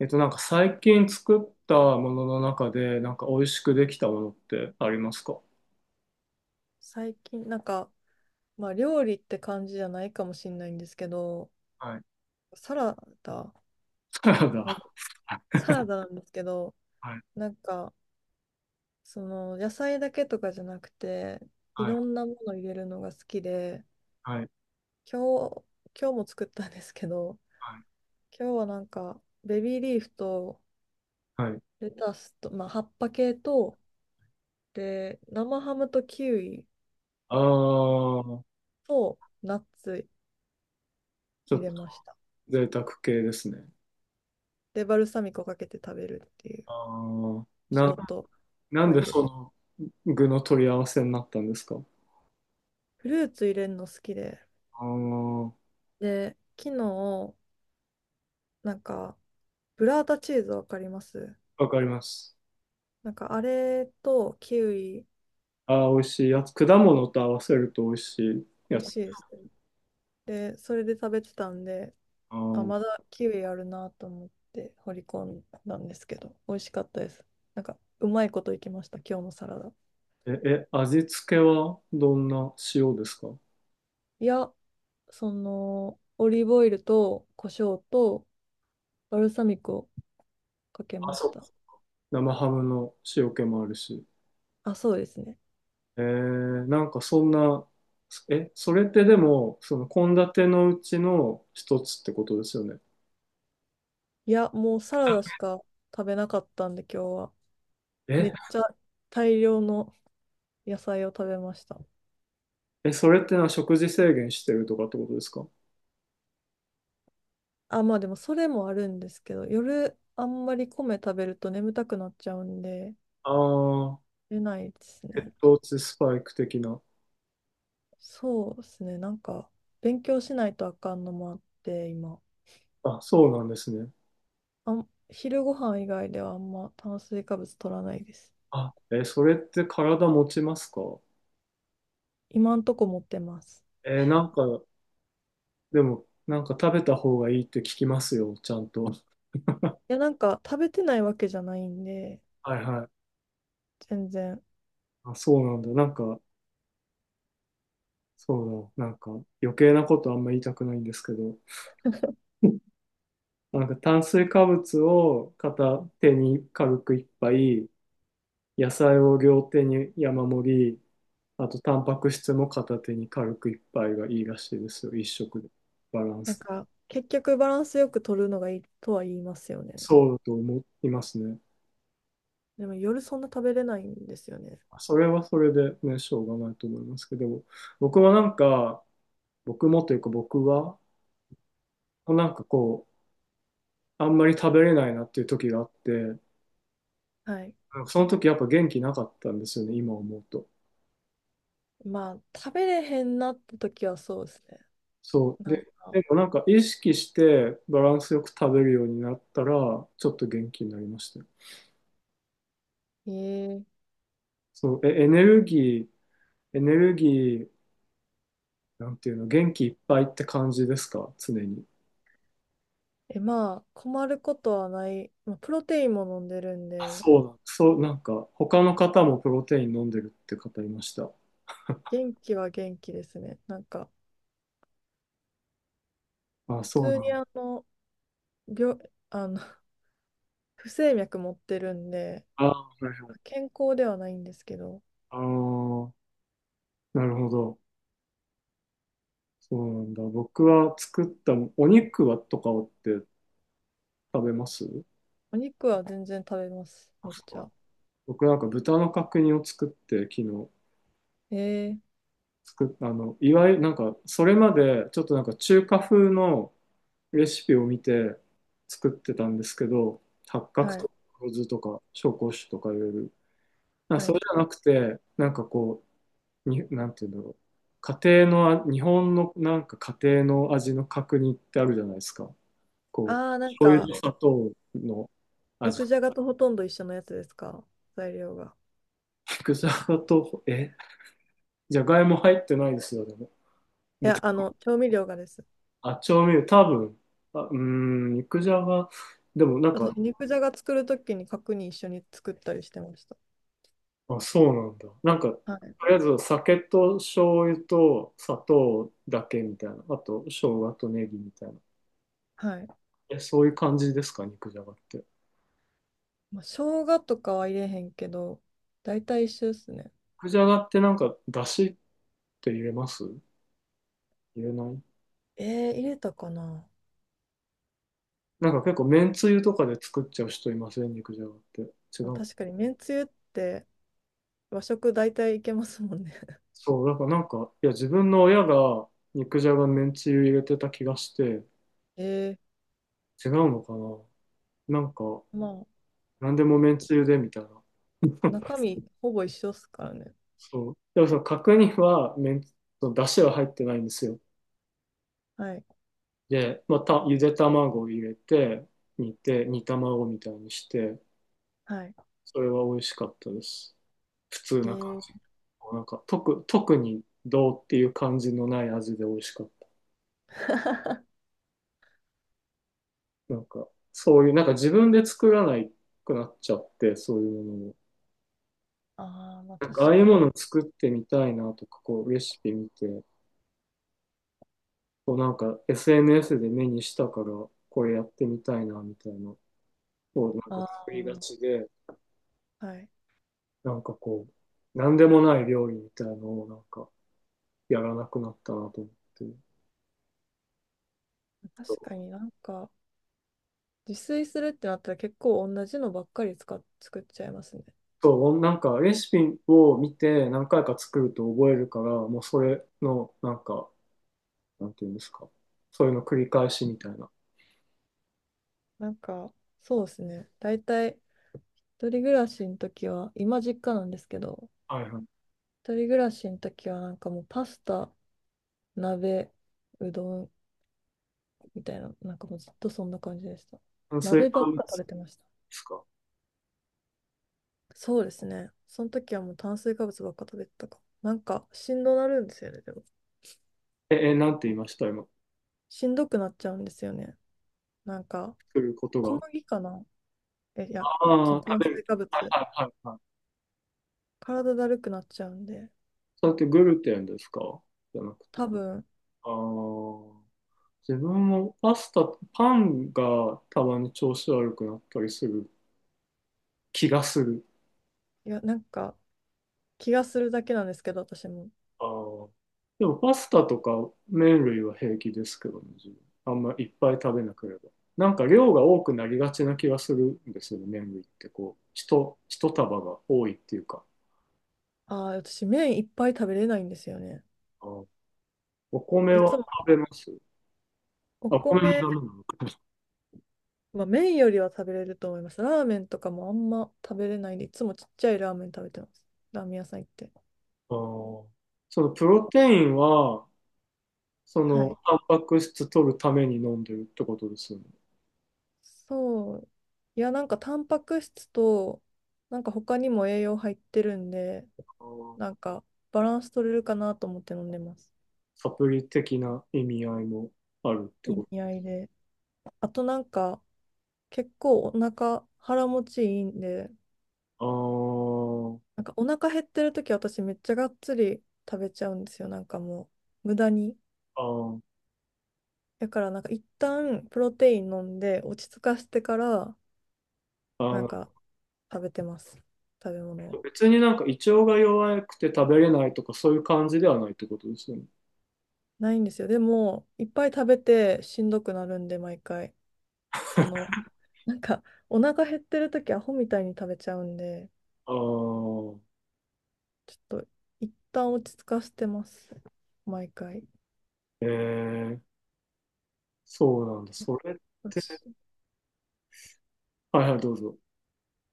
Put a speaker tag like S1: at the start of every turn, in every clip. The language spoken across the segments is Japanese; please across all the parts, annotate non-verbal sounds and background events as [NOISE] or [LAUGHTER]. S1: なんか最近作ったものの中で、なんか美味しくできたものってありますか？
S2: 最近、まあ、料理って感じじゃないかもしれないんですけど、
S1: はい。
S2: サラダ、
S1: サラ
S2: お
S1: ダ。
S2: サラダなんですけど、
S1: はい。
S2: なんか、その、野菜だけとかじゃなくて、い
S1: はい。
S2: ろんなもの入れるのが好きで、
S1: はい。
S2: 今日、今日も作ったんですけど、
S1: はい。
S2: 今日はなんか、ベビーリーフと、
S1: はい。
S2: レタスと、まあ、葉っぱ系と、で、生ハムとキウイ
S1: あー、
S2: と、ナッツ
S1: ちょ
S2: 入
S1: っ
S2: れ
S1: と
S2: ました。
S1: 贅沢系ですね。
S2: で、バルサミコかけて食べるっていう、
S1: あー、
S2: シ
S1: な、
S2: ョート
S1: ん
S2: オイ
S1: で
S2: ル
S1: その具の取り合わせになったんですか？
S2: フルーツ入れるの好きで。
S1: あー、
S2: で、昨日、なんか、ブラータチーズわかります？
S1: わかります。
S2: なんか、あれとキウイ、
S1: あー、美味しいやつ。果物と合わせると美味しい
S2: 美
S1: や
S2: 味
S1: つ。
S2: しいです。で、それで食べてたんで、
S1: あ
S2: あ、
S1: ー、
S2: まだキウイあるなと思って掘り込んだんですけど、美味しかったです。なんか、うまいこといきました、今日のサラダ。
S1: え、味付けはどんな塩ですか？
S2: いや、その、オリーブオイルと胡椒とバルサミコをかけ
S1: あ、
S2: まし
S1: そう。
S2: た。
S1: 生ハムの塩気もあるし。
S2: あ、そうですね。
S1: なんかそんな、え、それってでも、その献立のうちの一つってことですよね。
S2: いや、もうサラダしか食べなかったんで、今日は。め
S1: え、
S2: っちゃ大量の野菜を食べました。
S1: え、それってのは食事制限してるとかってことですか？
S2: あ、まあでもそれもあるんですけど、夜あんまり米食べると眠たくなっちゃうんで、
S1: ああ
S2: 出ないです
S1: ー、血
S2: ね。
S1: 糖値スパイク的な。
S2: そうですね。なんか、勉強しないとあかんのもあって、今。
S1: あ、そうなんですね。
S2: 昼ご飯以外ではあんま炭水化物取らないです。
S1: あ、え、それって体持ちますか？
S2: 今んとこ持ってます。
S1: なんか、でも、なんか食べた方がいいって聞きますよ、ちゃんと。
S2: いや、なんか食べてないわけじゃないんで、
S1: はいはい。
S2: 全然。
S1: あ、そうなんだ。なんか、そうだ。なんか、余計なことあんま言いたくないんですけど。なんか炭水化物を片手に軽く一杯、野菜を両手に山盛り、あとタンパク質も片手に軽く一杯がいいらしいですよ、一食で。バラン
S2: なん
S1: ス。
S2: か、結局バランスよく取るのがいいとは言いますよね。
S1: そうだと思いますね。
S2: でも夜そんな食べれないんですよね。
S1: それはそれでね、しょうがないと思いますけど、僕はなんか、僕もというか僕は、なんかこう、あんまり食べれないなっていう時があって、な
S2: はい。
S1: んかその時やっぱ元気なかったんですよね、今思うと。
S2: まあ、食べれへんなった時はそうですね。
S1: そう。
S2: なんか、
S1: でもなんか意識してバランスよく食べるようになったら、ちょっと元気になりましたよ。
S2: えー、
S1: そう。え、エネルギー、なんていうの、元気いっぱいって感じですか常に？
S2: え、まあ、困ることはない。まあ、プロテインも飲んでるん
S1: あ、
S2: で、
S1: そう、なんか、他の方もプロテイン飲んでるって方いました。
S2: 元気は元気ですね。なんか、
S1: あ、
S2: 普
S1: そう
S2: 通
S1: な
S2: に
S1: んだ。
S2: あの、病、あの、[LAUGHS] 不整脈持ってるんで、
S1: あ、はいはい。
S2: 健康ではないんですけど、
S1: あーなるほど。そうなんだ。僕は作ったお肉はとかって食べます？
S2: お肉は全然食べます。
S1: あ、
S2: めっ
S1: そ
S2: ち
S1: うなん
S2: ゃ。
S1: だ。僕なんか豚の角煮を作って昨日。
S2: えー、
S1: 作っあの、いわゆるなんか、それまでちょっとなんか中華風のレシピを見て作ってたんですけど、八角
S2: はい、
S1: とか黒酢とか紹興酒とかいろいろ。なんか
S2: は
S1: それ
S2: い。
S1: じゃなくて、なんかこう、なんていうんだろう。家庭のあ、日本のなんか家庭の味の角煮ってあるじゃないですか。こう、
S2: あー、なん
S1: 醤油
S2: か、
S1: と砂糖の味。
S2: 肉じゃがとほとんど一緒のやつですか？材料が。
S1: [LAUGHS] 肉じゃがと、え、じゃがいも入ってないですよ、でも。
S2: いや、あの、調味料がです。
S1: あ、調味料、多分、あ、うーん、肉じゃが、でもなんか、
S2: 私、肉じゃが作るときに角煮一緒に作ったりしてました。
S1: あ、そうなんだ。なんか、と
S2: はい。
S1: りあえず酒と醤油と砂糖だけみたいな。あと、生姜とネギみたいな。
S2: はい。
S1: え、そういう感じですか、肉じゃがって？
S2: まあ、生姜とかは入れへんけど、大体一緒ですね。
S1: 肉じゃがってなんか、だしって入れます、入れない？
S2: えー、入れたかな。
S1: なんか結構、めんつゆとかで作っちゃう人いません、肉じゃがって？違
S2: まあ、
S1: う。
S2: 確かに、めんつゆって和食大体いけますもんね。
S1: そう、だからなんか、いや、自分の親が肉じゃがめんつゆ入れてた気がして、
S2: [LAUGHS] え
S1: 違うのかな？なんか、
S2: ー、まあ、
S1: 何でもめんつゆでみたいな。
S2: 中
S1: [LAUGHS]
S2: 身ほぼ一緒っすからね。
S1: そう。でもその角煮はその出汁は入ってないんですよ。
S2: はい。
S1: で、また、ゆで卵を入れて、煮て、煮卵みたいにして、
S2: はい。
S1: それは美味しかったです。普通
S2: え
S1: な感
S2: ー、
S1: じ。なんか、特にどうっていう感じのない味で美味しかっ
S2: [LAUGHS]
S1: た。なんか、そういう、なんか自分で作らないくなっちゃって、そういうものを。
S2: ああ、まあ
S1: なん
S2: 確
S1: か、ああいう
S2: かに。
S1: ものを作ってみたいなとか、こう、レシピ見て、こうなんか SNS で目にしたから、これやってみたいな、みたいな、こうなんか
S2: あ
S1: 作
S2: あ、
S1: りがちで、
S2: はい。
S1: なんかこう、なんでもない料理みたいなのをなんかやらなくなったなと思ってる。
S2: 確かになんか、自炊するってなったら結構同じのばっかり使っ、作っちゃいますね。
S1: そう、なんかレシピを見て何回か作ると覚えるから、もうそれのなんか、なんていうんですか、そういうの繰り返しみたいな。
S2: なんか、そうですね。大体、一人暮らしの時は、今実家なんですけど、
S1: はいはい。
S2: 一人暮らしの時は、なんかもうパスタ、鍋、うどんみたいな、なんかもうずっとそんな感じでした。
S1: 炭水
S2: 鍋ば
S1: 化
S2: っ
S1: 物で
S2: か食べてました。
S1: すか？
S2: そうですね。その時はもう炭水化物ばっか食べてたかも。なんか、しんどなるんですよね、でも。
S1: え、なんて言いました今？
S2: しんどくなっちゃうんですよね。なんか、
S1: 作ること
S2: 小
S1: が。
S2: 麦かな？え、いや、そ
S1: あ
S2: の
S1: あ、
S2: 炭
S1: 食べる。
S2: 水化
S1: はい
S2: 物。
S1: はいはい。
S2: 体だるくなっちゃうんで、
S1: それってグルテンですか？じゃなくて。
S2: 多分、
S1: あー自分もパスタ、パンがたまに調子悪くなったりする気がする。
S2: いや、なんか、気がするだけなんですけど、私も。
S1: あーでもパスタとか麺類は平気ですけどね、自分。あんまいっぱい食べなければ。なんか量が多くなりがちな気がするんですよね、麺類って。こう、一束が多いっていうか。
S2: ああ、私、麺いっぱい食べれないんですよね。
S1: あーお米
S2: いつ
S1: は
S2: も
S1: 食べます？
S2: お
S1: あ、お米も
S2: 米、
S1: ダメなのか。
S2: まあ、麺よりは食べれると思います。ラーメンとかもあんま食べれないんで、いつもちっちゃいラーメン食べてます。ラーメン屋さん行って。
S1: あーそのプロテインは、そ
S2: は
S1: の、
S2: い。
S1: タンパク質取るために飲んでるってことですよね。
S2: そう。いや、なんかタンパク質と、なんか他にも栄養入ってるんで、
S1: あー
S2: なんかバランス取れるかなと思って飲んでます。
S1: サプリ的な意味合いもあるって
S2: 意
S1: こ
S2: 味合いで。あとなんか、結構お腹、腹持ちいいんで、
S1: と？
S2: なんかお腹減ってる時私めっちゃがっつり食べちゃうんですよ。なんかもう無駄に。
S1: あー、
S2: だからなんか一旦プロテイン飲んで落ち着かしてから
S1: あ
S2: なん
S1: ー、
S2: か食べてます。食べ物を。
S1: 別になんか胃腸が弱くて食べれないとかそういう感じではないってことですよね。
S2: ないんですよ。でもいっぱい食べてしんどくなるんで毎回。その [LAUGHS] なんかお腹減ってる時アホみたいに食べちゃうんで
S1: ああ、
S2: ちょっと一旦落ち着かしてます。毎回。
S1: ええ、そうなんだ。それっ
S2: よ
S1: て、
S2: しい
S1: はいはい、どうぞ。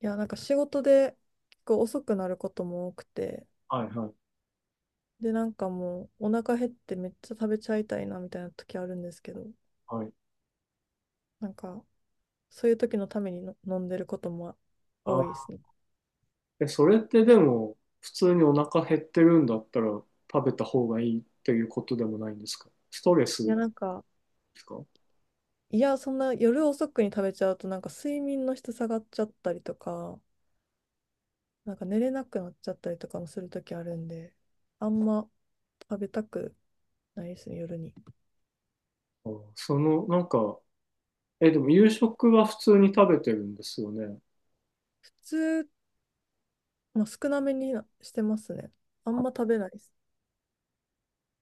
S2: やなんか仕事で結構遅くなることも多くて。
S1: はいはい、
S2: で、なんかもうお腹減ってめっちゃ食べちゃいたいなみたいな時あるんですけど、
S1: はい。
S2: なんかそういう時のためにの飲んでることも
S1: あ
S2: 多
S1: ー、
S2: いですね。
S1: え、それってでも、普通にお腹減ってるんだったら食べた方がいいっていうことでもないんですか？ストレ
S2: い
S1: ス
S2: や、
S1: で
S2: なんか、
S1: すか？
S2: いや、そんな夜遅くに食べちゃうとなんか睡眠の質下がっちゃったりとか、なんか寝れなくなっちゃったりとかもする時あるんで、あんま食べたくないですね、夜に。普
S1: あーその、なんか、え、でも夕食は普通に食べてるんですよね。
S2: 通、まあ、少なめになしてますね。あんま食べない。